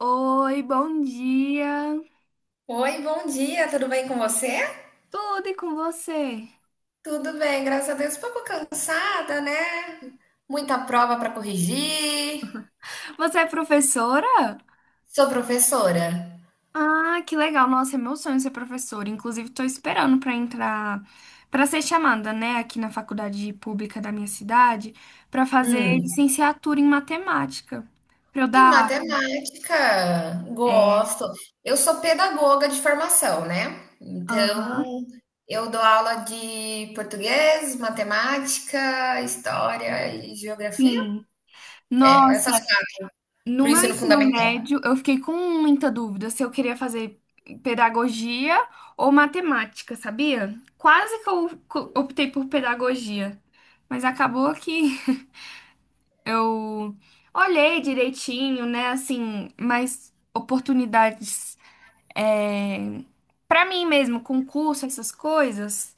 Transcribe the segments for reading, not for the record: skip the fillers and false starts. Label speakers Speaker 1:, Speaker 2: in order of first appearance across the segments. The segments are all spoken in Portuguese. Speaker 1: Oi, bom dia.
Speaker 2: Oi, bom dia, tudo bem com você?
Speaker 1: Tudo e com você?
Speaker 2: Tudo bem, graças a Deus. Um pouco cansada, né? Muita prova para corrigir.
Speaker 1: Você é professora?
Speaker 2: Sou professora.
Speaker 1: Ah, que legal. Nossa, é meu sonho ser professora. Inclusive, estou esperando para entrar, para ser chamada, né, aqui na faculdade pública da minha cidade, para fazer
Speaker 2: Hum.
Speaker 1: licenciatura em matemática. Para eu
Speaker 2: E
Speaker 1: dar.
Speaker 2: matemática,
Speaker 1: É.
Speaker 2: gosto. Eu sou pedagoga de formação, né?
Speaker 1: Aham.
Speaker 2: Então, eu dou aula de português, matemática, história e geografia.
Speaker 1: Sim.
Speaker 2: É,
Speaker 1: Nossa.
Speaker 2: essas coisas
Speaker 1: No
Speaker 2: para o
Speaker 1: meu
Speaker 2: ensino
Speaker 1: ensino
Speaker 2: fundamental.
Speaker 1: médio, eu fiquei com muita dúvida se eu queria fazer pedagogia ou matemática, sabia? Quase que optei por pedagogia, mas acabou que eu olhei direitinho, né? Assim, mais oportunidades, é, para mim mesmo, concurso, essas coisas.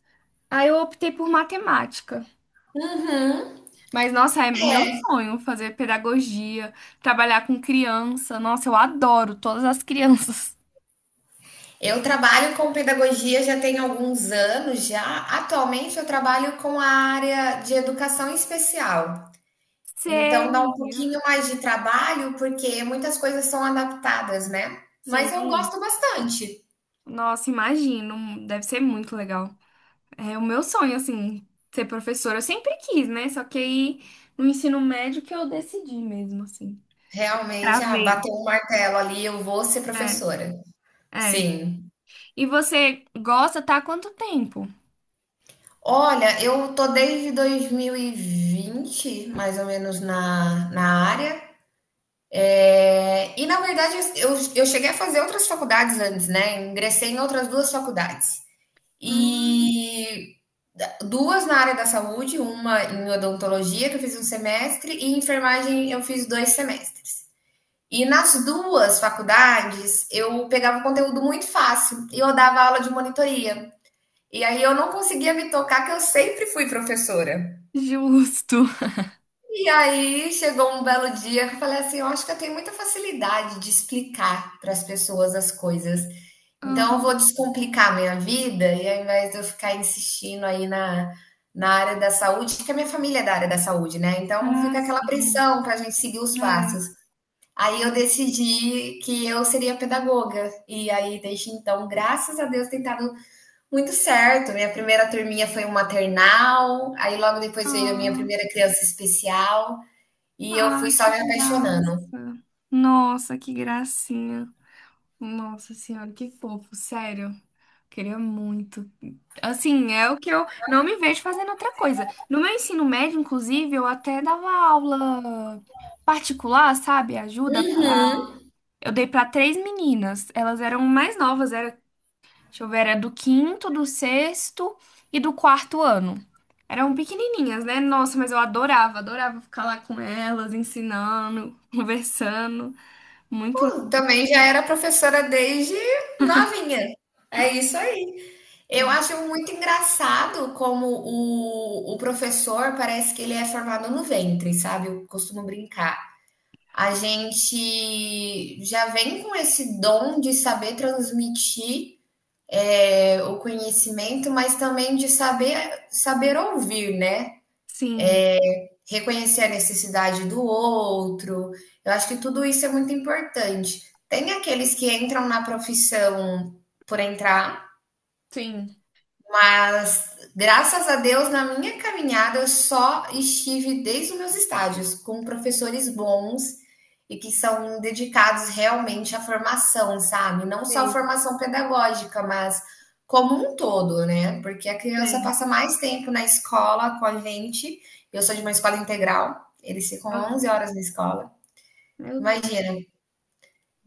Speaker 1: Aí eu optei por matemática.
Speaker 2: Uhum.
Speaker 1: Mas, nossa, é meu sonho fazer pedagogia, trabalhar com criança. Nossa, eu adoro todas as crianças.
Speaker 2: Eu trabalho com pedagogia já tem alguns anos já. Atualmente eu trabalho com a área de educação especial. Então dá
Speaker 1: Sei.
Speaker 2: um pouquinho mais de trabalho porque muitas coisas são adaptadas, né? Mas eu
Speaker 1: Sim.
Speaker 2: gosto bastante.
Speaker 1: Nossa, imagino. Deve ser muito legal. É o meu sonho, assim, ser professora. Eu sempre quis, né? Só que aí no ensino médio que eu decidi mesmo, assim.
Speaker 2: Realmente, ah,
Speaker 1: Travei.
Speaker 2: bateu um martelo ali, eu vou ser
Speaker 1: É,
Speaker 2: professora.
Speaker 1: é.
Speaker 2: Sim.
Speaker 1: E você gosta, tá há quanto tempo?
Speaker 2: Olha, eu tô desde 2020, mais ou menos, na área. É, e na verdade eu cheguei a fazer outras faculdades antes, né? Ingressei em outras duas faculdades. E duas na área da saúde, uma em odontologia, que eu fiz um semestre, e em enfermagem eu fiz 2 semestres. E nas duas faculdades eu pegava conteúdo muito fácil e eu dava aula de monitoria. E aí eu não conseguia me tocar que eu sempre fui professora.
Speaker 1: Justo.
Speaker 2: E aí chegou um belo dia que eu falei assim: eu acho que eu tenho muita facilidade de explicar para as pessoas as coisas. Então eu vou
Speaker 1: Aham.
Speaker 2: descomplicar a minha vida e ao invés de eu ficar insistindo aí na área da saúde, porque a minha família é da área da saúde, né? Então
Speaker 1: Ah,
Speaker 2: fica aquela
Speaker 1: sim.
Speaker 2: pressão para a gente seguir os
Speaker 1: É,
Speaker 2: passos. Aí eu
Speaker 1: é.
Speaker 2: decidi que eu seria pedagoga. E aí, desde então, graças a Deus, tem dado muito certo. Minha primeira turminha foi um maternal, aí logo depois veio a minha
Speaker 1: Ah.
Speaker 2: primeira criança especial. E eu
Speaker 1: Ah,
Speaker 2: fui só
Speaker 1: que
Speaker 2: me apaixonando.
Speaker 1: graça. Nossa, que gracinha. Nossa senhora, que fofo, sério. Queria muito. Assim, é o que eu não me vejo fazendo outra coisa. No meu ensino médio, inclusive, eu até dava aula particular, sabe? Ajuda para. Eu dei para três meninas. Elas eram mais novas. Deixa eu ver, era do quinto, do sexto e do quarto ano. Eram pequenininhas, né? Nossa, mas eu adorava, adorava ficar lá com elas, ensinando, conversando. Muito
Speaker 2: Também já era professora desde novinha. É isso aí. Eu
Speaker 1: legal.
Speaker 2: acho muito engraçado como o professor parece que ele é formado no ventre, sabe? Eu costumo brincar. A gente já vem com esse dom de saber transmitir o conhecimento, mas também de saber ouvir, né?
Speaker 1: Sim,
Speaker 2: Reconhecer a necessidade do outro. Eu acho que tudo isso é muito importante. Tem aqueles que entram na profissão por entrar
Speaker 1: sim.
Speaker 2: as- Graças a Deus, na minha caminhada, eu só estive desde os meus estágios com professores bons e que são dedicados realmente à formação, sabe? Não só a
Speaker 1: Sei,
Speaker 2: formação pedagógica, mas como um todo, né? Porque a criança
Speaker 1: sei.
Speaker 2: passa mais tempo na escola com a gente. Eu sou de uma escola integral, eles ficam 11
Speaker 1: Aham.
Speaker 2: horas na escola.
Speaker 1: Meu Deus.
Speaker 2: Imagina,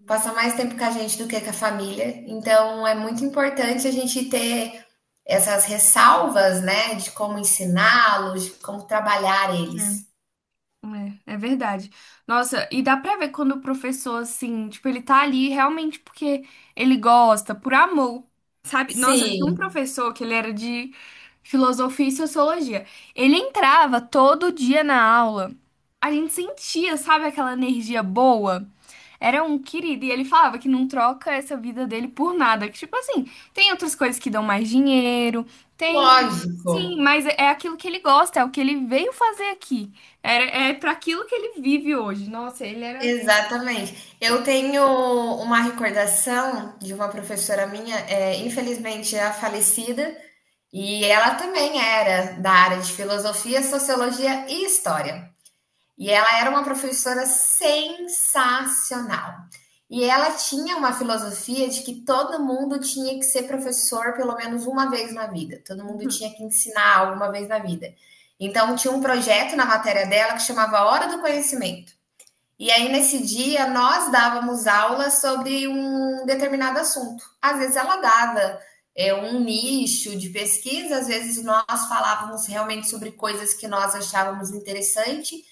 Speaker 2: passa mais tempo com a gente do que com a família. Então, é muito importante a gente ter essas ressalvas, né, de como ensiná-los, de como trabalhar
Speaker 1: Né?
Speaker 2: eles.
Speaker 1: É, é verdade. Nossa, e dá pra ver quando o professor, assim, tipo, ele tá ali realmente porque ele gosta, por amor, sabe? Nossa, tinha um
Speaker 2: Sim.
Speaker 1: professor que ele era de filosofia e sociologia. Ele entrava todo dia na aula. A gente sentia, sabe, aquela energia boa. Era um querido, e ele falava que não troca essa vida dele por nada. Que, tipo assim, tem outras coisas que dão mais dinheiro, tem.
Speaker 2: Lógico,
Speaker 1: Sim, mas é é aquilo que ele gosta, é o que ele veio fazer aqui. É, é para aquilo que ele vive hoje. Nossa, ele era.
Speaker 2: exatamente. Eu tenho uma recordação de uma professora minha, infelizmente já falecida, e ela também era da área de filosofia, sociologia e história. E ela era uma professora sensacional. E ela tinha uma filosofia de que todo mundo tinha que ser professor pelo menos uma vez na vida, todo mundo tinha que ensinar alguma vez na vida. Então, tinha um projeto na matéria dela que chamava Hora do Conhecimento. E aí, nesse dia, nós dávamos aula sobre um determinado assunto. Às vezes, ela dava um nicho de pesquisa, às vezes, nós falávamos realmente sobre coisas que nós achávamos interessante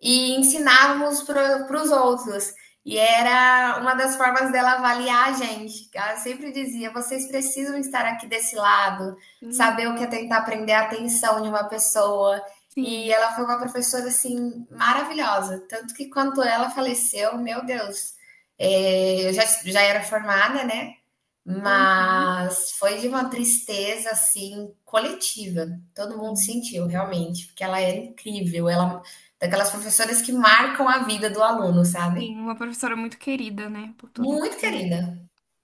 Speaker 2: e ensinávamos para os outros. E era uma das formas dela avaliar a gente. Ela sempre dizia: vocês precisam estar aqui desse lado,
Speaker 1: Uhum.
Speaker 2: saber o que é tentar prender a atenção de uma pessoa. E
Speaker 1: Sim.
Speaker 2: ela foi uma professora assim maravilhosa. Tanto que quando ela faleceu, meu Deus, eu já era formada, né?
Speaker 1: Uhum.
Speaker 2: Mas foi de uma tristeza assim coletiva. Todo mundo
Speaker 1: Sim,
Speaker 2: sentiu realmente, porque ela era incrível, ela daquelas professoras que marcam a vida do aluno, sabe?
Speaker 1: sim, uma professora muito querida, né? Por todo
Speaker 2: Muito
Speaker 1: mundo.
Speaker 2: querida.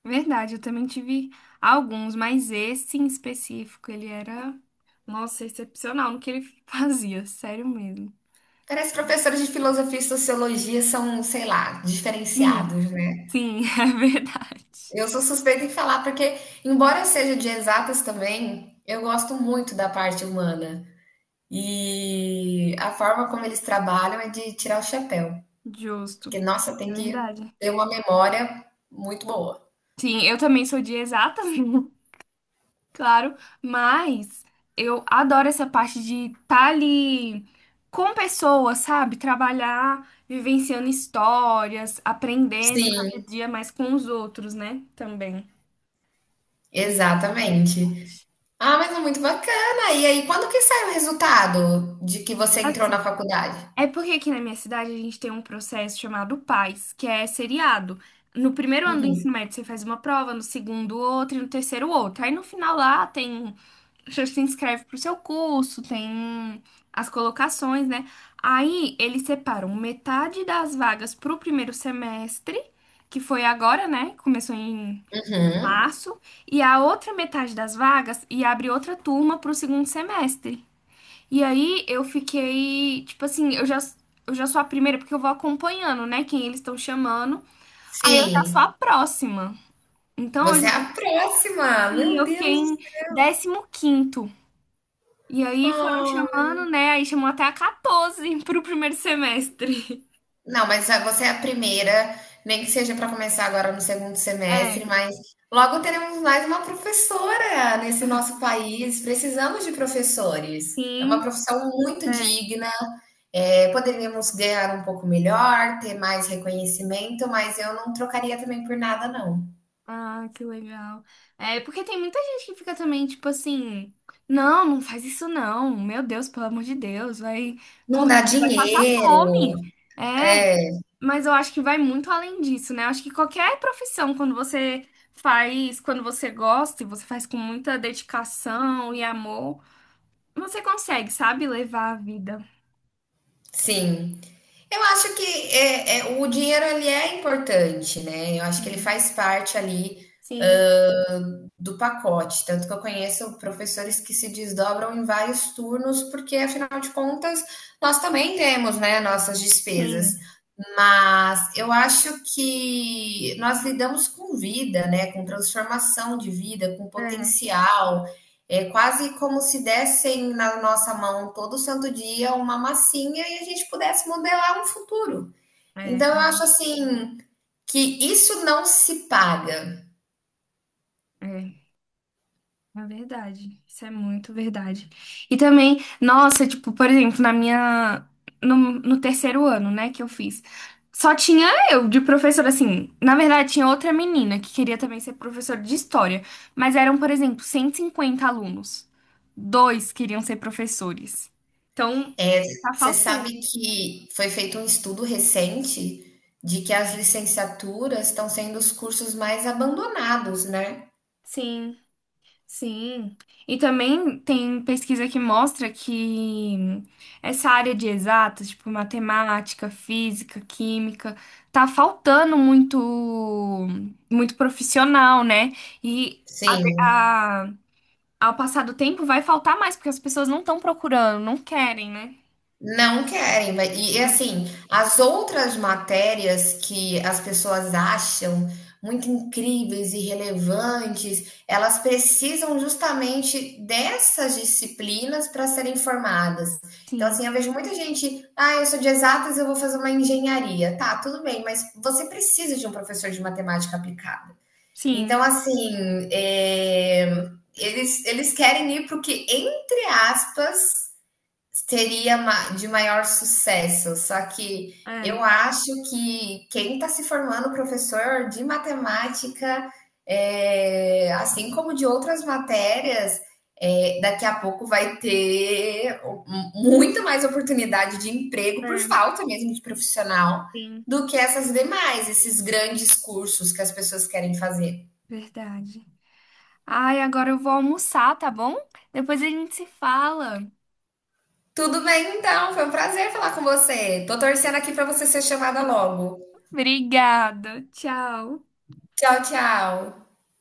Speaker 1: É. Verdade, eu também tive alguns, mas esse em específico, ele era, nossa, excepcional no que ele fazia, sério mesmo.
Speaker 2: Parece que professores de filosofia e sociologia são, sei lá,
Speaker 1: Sim,
Speaker 2: diferenciados, né?
Speaker 1: sim, é verdade.
Speaker 2: Eu sou suspeita em falar porque, embora eu seja de exatas também, eu gosto muito da parte humana. E a forma como eles trabalham é de tirar o chapéu.
Speaker 1: Justo.
Speaker 2: Porque, nossa, tem
Speaker 1: É
Speaker 2: que
Speaker 1: verdade.
Speaker 2: ter uma memória muito boa.
Speaker 1: Sim, eu também sou de exatas. Claro, mas eu adoro essa parte de estar ali com pessoas, sabe? Trabalhar, vivenciando histórias, aprendendo
Speaker 2: Sim,
Speaker 1: cada dia mais com os outros, né? Também. Hum, adoro essa
Speaker 2: exatamente.
Speaker 1: parte.
Speaker 2: Ah, mas é muito bacana. E aí, quando que sai o resultado de que você entrou
Speaker 1: Assim,
Speaker 2: na faculdade?
Speaker 1: é porque aqui na minha cidade a gente tem um processo chamado PAS, que é seriado. No primeiro ano do
Speaker 2: Uhum,
Speaker 1: ensino médio você faz uma prova, no segundo outra e no terceiro outra. Aí no final lá tem. Você se inscreve pro seu curso, tem as colocações, né? Aí eles separam metade das vagas pro primeiro semestre, que foi agora, né? Começou em
Speaker 2: uhum.
Speaker 1: março, e a outra metade das vagas e abre outra turma pro segundo semestre. E aí eu fiquei, tipo assim, eu já sou a primeira porque eu vou acompanhando, né, quem eles estão chamando. Aí eu já sou a
Speaker 2: Sim,
Speaker 1: próxima. Então
Speaker 2: você é a próxima. Meu
Speaker 1: eu fiquei
Speaker 2: Deus.
Speaker 1: em 15º. E aí foram
Speaker 2: Ah.
Speaker 1: chamando, né? Aí chamou até a 14 pro primeiro semestre.
Speaker 2: Não, mas a você é a primeira, nem que seja para começar agora no segundo
Speaker 1: É,
Speaker 2: semestre, mas logo teremos mais uma professora nesse nosso país. Precisamos de professores. É uma
Speaker 1: sim,
Speaker 2: profissão muito
Speaker 1: é.
Speaker 2: digna, poderíamos ganhar um pouco melhor, ter mais reconhecimento, mas eu não trocaria também por nada, não.
Speaker 1: Ah, que legal. É, porque tem muita gente que fica também, tipo assim, não, não faz isso não. Meu Deus, pelo amor de Deus, vai
Speaker 2: Não dá
Speaker 1: morrer, vai passar fome.
Speaker 2: dinheiro.
Speaker 1: É, mas eu acho que vai muito além disso, né? Eu acho que qualquer profissão, quando você faz, quando você gosta e você faz com muita dedicação e amor, você consegue, sabe, levar a vida.
Speaker 2: Sim. Eu acho que é o dinheiro, ele é importante, né, eu acho que ele
Speaker 1: Hum.
Speaker 2: faz parte ali,
Speaker 1: Sim.
Speaker 2: do pacote. Tanto que eu conheço professores que se desdobram em vários turnos, porque afinal de contas nós também temos, né, nossas despesas.
Speaker 1: Sim,
Speaker 2: Mas eu acho que nós lidamos com vida, né, com transformação de vida, com
Speaker 1: é,
Speaker 2: potencial. É quase como se dessem na nossa mão todo santo dia uma massinha e a gente pudesse modelar um futuro.
Speaker 1: é,
Speaker 2: Então eu acho assim que isso não se paga.
Speaker 1: é, é verdade. Isso é muito verdade. E também, nossa, tipo, por exemplo, na minha, no, no terceiro ano, né, que eu fiz, só tinha eu de professora, assim, na verdade tinha outra menina que queria também ser professora de história, mas eram, por exemplo, 150 alunos. Dois queriam ser professores. Então,
Speaker 2: É,
Speaker 1: tá
Speaker 2: você sabe
Speaker 1: faltando.
Speaker 2: que foi feito um estudo recente de que as licenciaturas estão sendo os cursos mais abandonados, né?
Speaker 1: Sim. Sim, e também tem pesquisa que mostra que essa área de exatas, tipo matemática, física, química, tá faltando muito, muito profissional, né? E
Speaker 2: Sim.
Speaker 1: a- ao passar do tempo vai faltar mais, porque as pessoas não estão procurando, não querem, né?
Speaker 2: Não querem, vai assim, as outras matérias que as pessoas acham muito incríveis e relevantes, elas precisam justamente dessas disciplinas para serem formadas. Então,
Speaker 1: Sim,
Speaker 2: assim, eu vejo muita gente, ah, eu sou de exatas, eu vou fazer uma engenharia. Tá, tudo bem, mas você precisa de um professor de matemática aplicada. Então,
Speaker 1: sim,
Speaker 2: assim, eles querem ir para o que, entre aspas, seria ma de maior sucesso, só que eu
Speaker 1: é,
Speaker 2: acho que quem está se formando professor de matemática, assim como de outras matérias, daqui a pouco vai ter o muito mais oportunidade de emprego por
Speaker 1: é,
Speaker 2: falta mesmo de profissional,
Speaker 1: sim,
Speaker 2: do que essas demais, esses grandes cursos que as pessoas querem fazer.
Speaker 1: verdade. Ai, agora eu vou almoçar, tá bom? Depois a gente se fala.
Speaker 2: Tudo bem então, foi um prazer falar com você. Tô torcendo aqui para você ser chamada logo.
Speaker 1: Obrigada, tchau.
Speaker 2: Tchau, tchau.